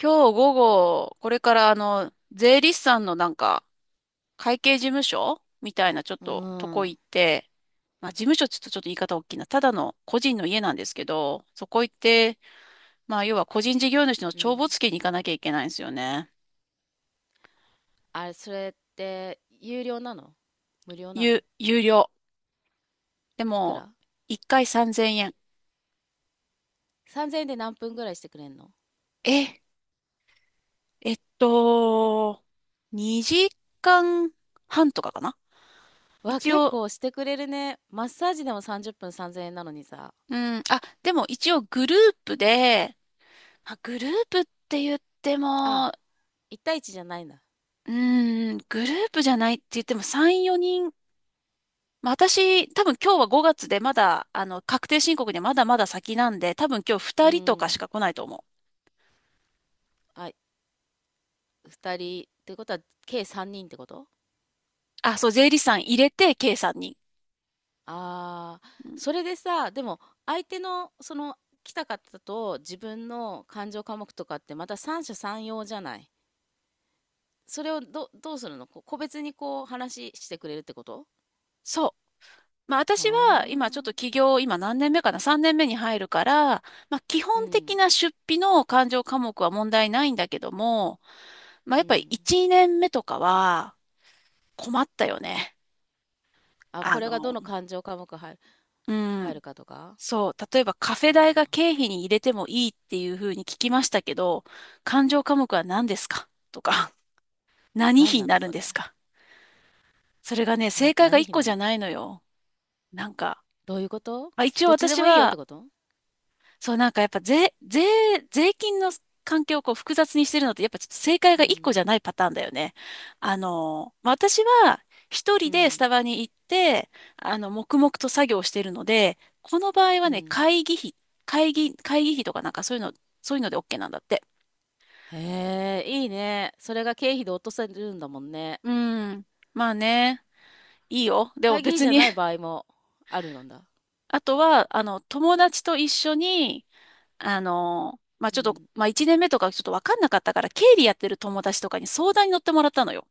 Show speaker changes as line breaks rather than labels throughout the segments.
今日午後、これから税理士さんのなんか、会計事務所みたいなちょっ
う
ととこ
ん。
行って、まあ事務所ちょっとちょっと言い方大きいな。ただの個人の家なんですけど、そこ行って、まあ要は個人事業主の
う
帳
ん。
簿付けに行かなきゃいけないんですよね。
あれ、それって、有料なの？無料なの？
有料。で
いく
も、
ら？
1回3000円。
3,000 円で何分ぐらいしてくれんの？
え、えっと、2時間半とかかな、
わ、
一
結
応。
構してくれるね。マッサージでも30分3,000円なのにさ。
うん、あ、でも一応グループで、まあ、グループって言って
あ、
も、
1対1じゃないんだ。
グループじゃないって言っても3、4人、まあ、私、多分今日は5月でまだ、確定申告でまだまだ先なんで、多分今日
う
2人とかし
ん。
か来ないと思う。
あ、2人。ってことは、計3人ってこと？
あ、そう、税理士さん入れて、計3んに
ああー、
ん。う
そ
ん、
れでさ、でも、相手の、その、来た方と自分の感情科目とかってまた三者三様じゃない。それをどうするの個別にこう話してくれるってこと？
そう。まあ、
あ
私は今ちょっと
あ、
起業、今何年目かな ?3 年目に入るから、まあ、基
う
本
ん、
的な出費の勘定科目は問題ないんだけども、まあ、や
う
っぱり
ん。
1、年目とかは困ったよね。
あ、こ
あ
れがど
の、
の感情科目入る、
う
入る
ん。
かとか。
そう、例えばカフェ
あ
代が経
ー、
費に入れてもいいっていうふうに聞きましたけど、勘定科目は何ですかとか、何
何
費に
なの
なるん
そ
で
れ。
すか？それがね、正解が
何
1
日
個
な
じゃ
の？
ないのよ。なんか、
どういうこと？
まあ、一応
どっちで
私
もいいよって
は、
こと？
そう、なんかやっぱ税金の関係をこう複雑にしてるのって、やっぱちょっと正解
う
が一個じ
ん、
ゃないパターンだよね。まあ私は一
う
人でス
ん、
タバに行って、黙々と作業してるので、この場合
う
はね、
ん。
会議費、会議費とかなんかそういうの、そういうので OK なんだって。
へえ、いいね。それが経費で落とせるんだもんね。
うん。まあね、いいよ。でも
会議費
別
じゃ
に。
ない場 合もあるのだ。
あとは、友達と一緒に、まあ
う
ちょっと、
ん。
まあ1年目とかちょっとわかんなかったから、経理やってる友達とかに相談に乗ってもらったのよ。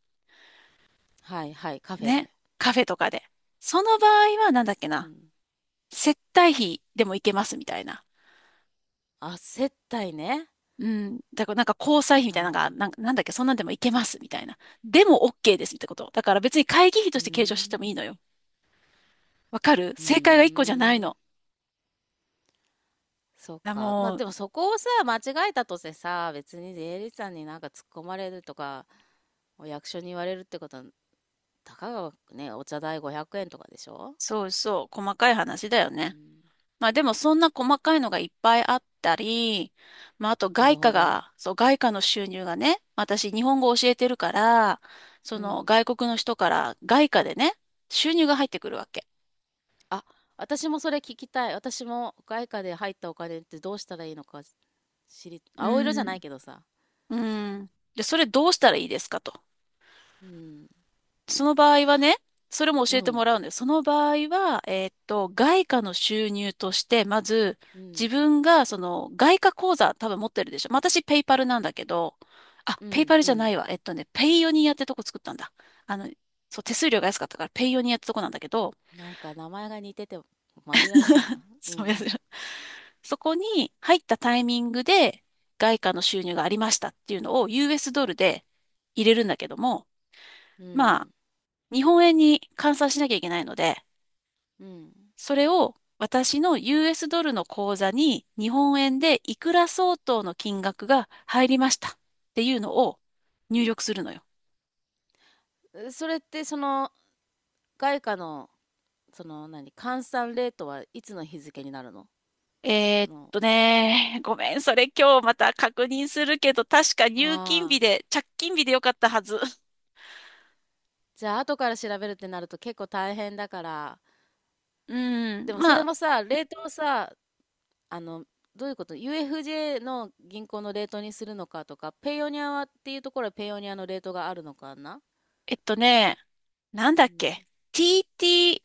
はいはい、カフェで。
ね。カフェとかで。その場合は、なんだっけ
う
な。
ん。
接待費でもいけますみたいな。
あ、接待ね。
うん。だからなんか交際費み
あ
たいなのが、なん
あ、
か、なんだっけ、そんなんでもいけますみたいな。でも OK ですってこと。だから別に会議費と
うー
して計上してもいい
ん。
のよ。わかる？
う
正解が
ー
一個じゃないの。
ん。そっ
だ
か。まあ
もう、
でもそこをさ、間違えたとてさ、別に税理士さんになんか突っ込まれるとか、お役所に言われるってことは、たかがね、お茶代500円とかでしょ？
そうそう、細かい話だよ
う
ね。
ん。
まあでもそんな細かいのがいっぱいあったり、まああと
な
外
るほ
貨
ど。
が、そう外貨の収入がね、私日本語教えてるから、そ
う
の
ん。
外国の人から外貨でね、収入が入ってくるわけ。
あ、私もそれ聞きたい。私も外貨で入ったお金ってどうしたらいいのか。
う
青色じゃな
ん。
いけどさ。
うん。で、それどうしたらいいですかと。
うん。
その場合はね、それも
う
教えても
ん。
らうんです。その場合は、外貨の収入として、まず、
うん。
自分が、その、外貨口座多分持ってるでしょ。まあ、私、ペイパルなんだけど、あ、
う
ペイ
ん。
パル
う
じゃな
ん。
いわ。ペイヨニアってとこ作ったんだ。あの、そう、手数料が安かったから、ペイヨニアってとこなんだけど、
なんか名前が似てて紛らわしいな。う
そう
ん。
や、
うん。
そこに入ったタイミングで、外貨の収入がありましたっていうのを、US ドルで入れるんだけども、
う
まあ、
ん。
日本円に換算しなきゃいけないので、
うん。
それを私の US ドルの口座に日本円でいくら相当の金額が入りましたっていうのを入力するのよ。
それってその外貨の、その何、換算レートはいつの日付になるの？その
ごめん、それ今日また確認するけど、確か入金
ああ
日
ー
で、着金日でよかったはず。
じゃあ後から調べるってなると結構大変だから。
うん、
でもそ
ま
れ
あ、
もさ、レートをさ、あの、どういうこと？ UFJ の銀行のレートにするのかとか、ペイオニアはっていうところはペイオニアのレートがあるのかな。
えっとね、なん
う
だっ
ん、
け、TT、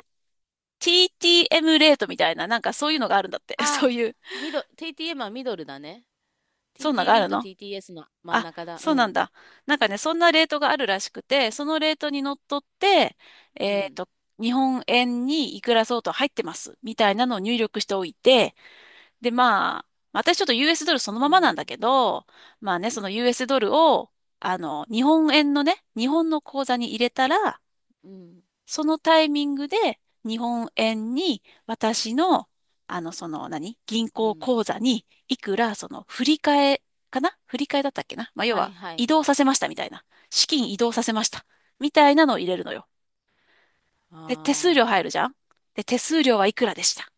TTM レートみたいな、なんかそういうのがあるんだって。そう
ああ、
いう、
ミド TTM はミドルだね。
そんなのがあ
TTB
る
と
の？
TTS の真ん
あ、
中だ。う
そうなん
ん、
だ。なんかね、そんなレートがあるらしくて、そのレートにのっとって、
う
えっ
ん、
と、日本円にいくら相当入ってます、みたいなのを入力しておいて、で、まあ、私ちょっと US ドルそのま
う
まなんだ
ん、
けど、まあね、その US ドルを、日本円のね、日本の口座に入れたら、
うん、
そのタイミングで日本円に私の、その何、銀
う
行
ん、
口座にいくら、その振り替えかな、振り替えだったっけな。まあ、要
はい
は
はい、
移動させましたみたいな。資金移動させました。みたいなのを入れるのよ。で、手数料
ああ、
入るじゃん。で、手数料はいくらでした。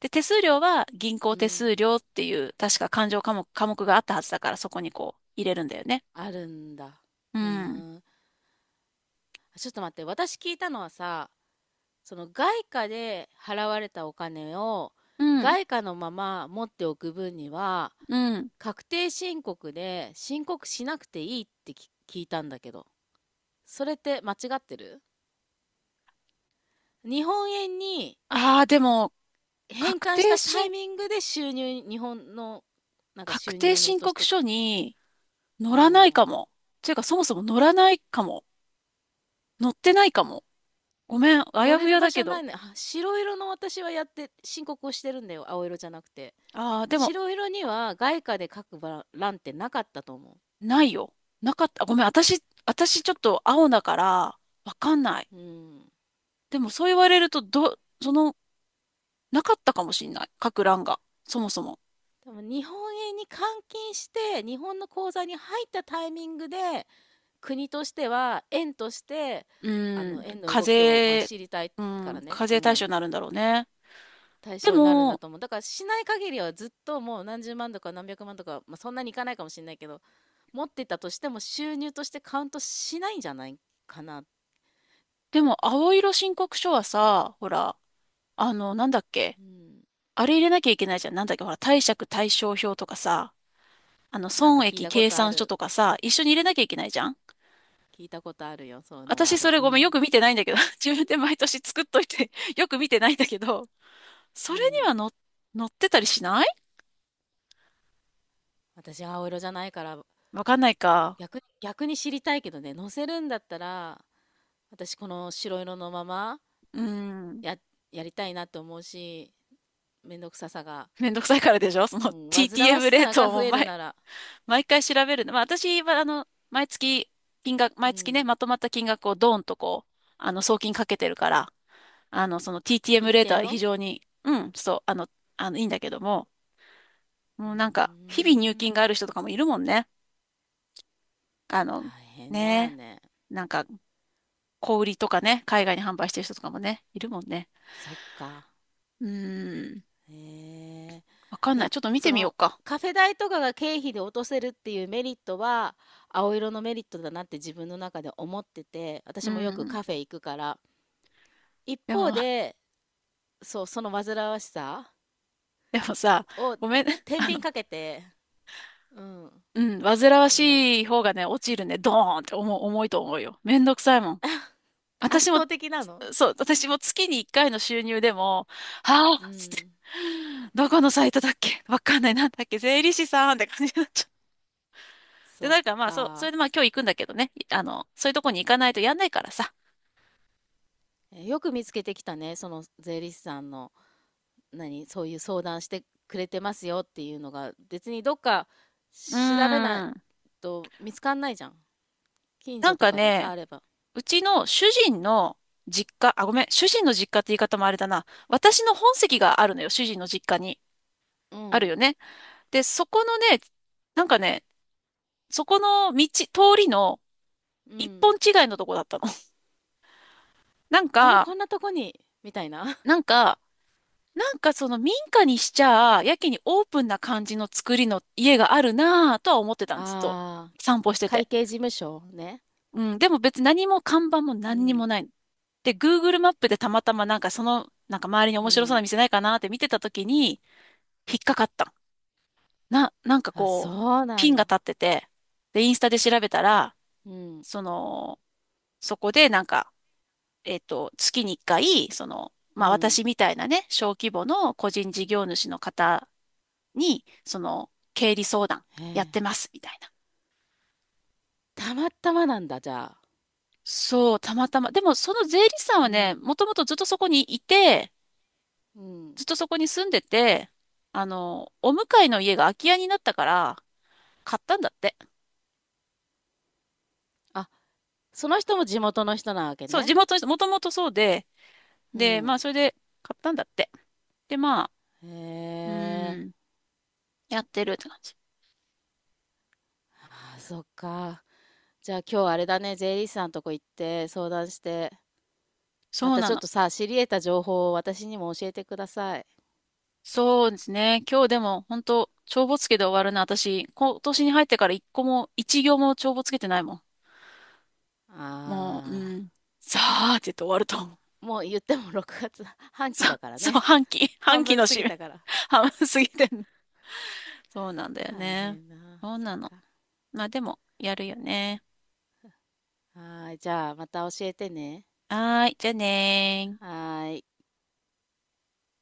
で、手数料は銀
う
行手
ん、
数料っていう、確か勘定科目、科目があったはずだから、そこにこう入れるんだよね。
あるんだ。
う
うー
ん。
ん。ちょっと待って、私聞いたのはさ、その外貨で払われたお金を
うん。
外貨のまま持っておく分には、
うん。
確定申告で申告しなくていいって聞いたんだけど、それって間違ってる？日本円に
ああ、でも、
変
確
換し
定
たタイ
申、
ミングで収入、日本のなんか
確
収
定
入の
申
とし
告
て、
書に、乗
う
らない
ん。
かも。ていうか、そもそも乗らないかも。乗ってないかも。ごめん、あ
乗
や
れ
ふ
る
や
場
だけ
所な
ど。
いね。あ、白色の、私はやって申告をしてるんだよ。青色じゃなくて。
ああ、でも、
白色には外貨で描くば欄ってなかったと思
ないよ。なかった。ごめん、私ちょっと青だから、わかんない。
う。うん。
でも、そう言われると、その、なかったかもしんない。各欄が。そもそも。
多分日本円に換金して日本の口座に入ったタイミングで、国としては円として、
う
あ
ーん、
の円の動きをまあ知りたいからね、
課
う
税対
ん、
象になるんだろうね。
対
で
象になるんだ
も、
と思う。だからしない限りはずっともう何十万とか何百万とか、まあ、そんなにいかないかもしれないけど、持ってたとしても収入としてカウントしないんじゃないかな。
でも、青色申告書はさ、ほら、なんだっけ？
うん、
あれ入れなきゃいけないじゃん。なんだっけ、ほら、貸借対照表とかさ。
なんか
損
聞い
益
たこ
計
とあ
算書
る。
とかさ、一緒に入れなきゃいけないじゃん。
聞いたことあるよ、そういうのワ
私
ー
そ
ド。
れ
う
ごめん、よ
ん、
く見てないんだけど、自分で毎年作っといて よく見てないんだけど、そ
う
れに
ん。
はの、載ってたりしない？
私、青色じゃないから、
わかんないか。
逆に知りたいけどね。乗せるんだったら、私、この白色のまま
うん。
や、やりたいなと思うし、めんどくささが、
めんどくさいからでしょ、その
うん、煩わし
TTM レー
さが
ト
増
を
えるなら、
毎回調べるの。まあ私は毎月、金額、
う
毎月
ん、
ね、まとまった金額をドーンとこう、送金かけてるから、その
一
TTM レート
定
は非
の。
常に、うん、そう、いいんだけども、
う
も
ー
うなんか、日々入金が
ん、
ある人とかもいるもんね。あ
大
の、
変だよ
ね
ね。
え。なんか、小売りとかね、海外に販売してる人とかもね、いるもんね。
そっか。
うーん。
へえ。
わかん
い
ない。
や、
ちょっと見
そ
てみよう
の、
か。
カフェ代とかが経費で落とせるっていうメリットは青色のメリットだなって自分の中で思ってて、
う
私もよく
ん。
カフェ行くから。一
で
方
も、
で、そう、その煩わしさ
でもさ、
を
ごめん、
天
あの、
秤かけて、うん、
うん、煩わ
何々、
しい方がね、落ちるね、ドーンって重いと思うよ。めんどくさいもん。
圧
私も、
倒的なの。
そう、私も月に1回の収入でも、は
う
ぁ、つって、
ん、
どこのサイトだっけ？わかんない、なんだっけ、税理士さんって感じになっちゃう。で、
そっ
なんかまあ、そう、それ
か。
でまあ今日行くんだけどね。いあの、そういうとこに行かないとやんないからさ。
え、よく見つけてきたね、その税理士さんの。何、そういう相談してくれてますよっていうのが、別にどっか
うー
調べない
ん。
と見つかんないじゃん。近
な
所
ん
と
か
かでさ、
ね、
あれば。
うちの主人の実家、あ、ごめん、主人の実家って言い方もあれだな。私の本籍があるのよ、主人の実家に。
う
あるよ
ん、
ね。で、そこのね、なんかね、そこの道、通りの
う
一
ん。
本違いのとこだったの。なん
俺
か、
こんなとこに、みたいな。
なんか、なんかその民家にしちゃ、やけにオープンな感じの作りの家があるなぁとは思って たんです、ずっと。
ああ、
散歩してて。
会計事務所ね。
うん、でも別に何も看板も
う
何に
ん、
もないの。で、Google マップでたまたまなんかその、なんか周りに
う
面白そう
ん。
な店ないかなって見てた時に、引っかかったの。なんか
あ、
こう、
そうな
ピン
ん
が
だ。
立ってて、で、インスタで調べたら、
うん、
その、そこでなんか、月に1回、その、
う
まあ
ん。
私みたいなね、小規模の個人事業主の方に、その、経理相談
へ
やっ
え。
てます、みたいな。
たまたまなんだ、じゃあ。
そう、たまたま。でもその税理士さん
う
はね、
ん、
もともとずっとそこにいて、
うん。
ずっとそこに住んでて、お向かいの家が空き家になったから、買ったんだって。
あ、その人も地元の人なわけ
そう、地
ね。
元の人、もともとそうで、
う
で、ま
ん。
あ、それで買ったんだって。で、まあ、
へ
う
え。
ーん、やってるって感じ。
あ、そっか。じゃあ今日あれだね、税理士さんとこ行って相談して、ま
そう
たち
な
ょっ
の。
とさ、知り得た情報を私にも教えてください。
そうですね。今日でも、本当帳簿つけで終わるな。私、今年に入ってから一個も、一行も帳簿つけてないもん。もう、
あ
うん、さあって言って終わると思う。
あ、もう言っても6月半期だから
そう、
ね。
半
半
期
分
の
過
締
ぎ
め、
たから。
半分過ぎてんの。そうなんだよ
大
ね。
変だ。
そう
そっ
なの。
か。
まあでも、やるよね。
はーい、じゃあまた教えてね。
はーい、じゃあねー。
はーい。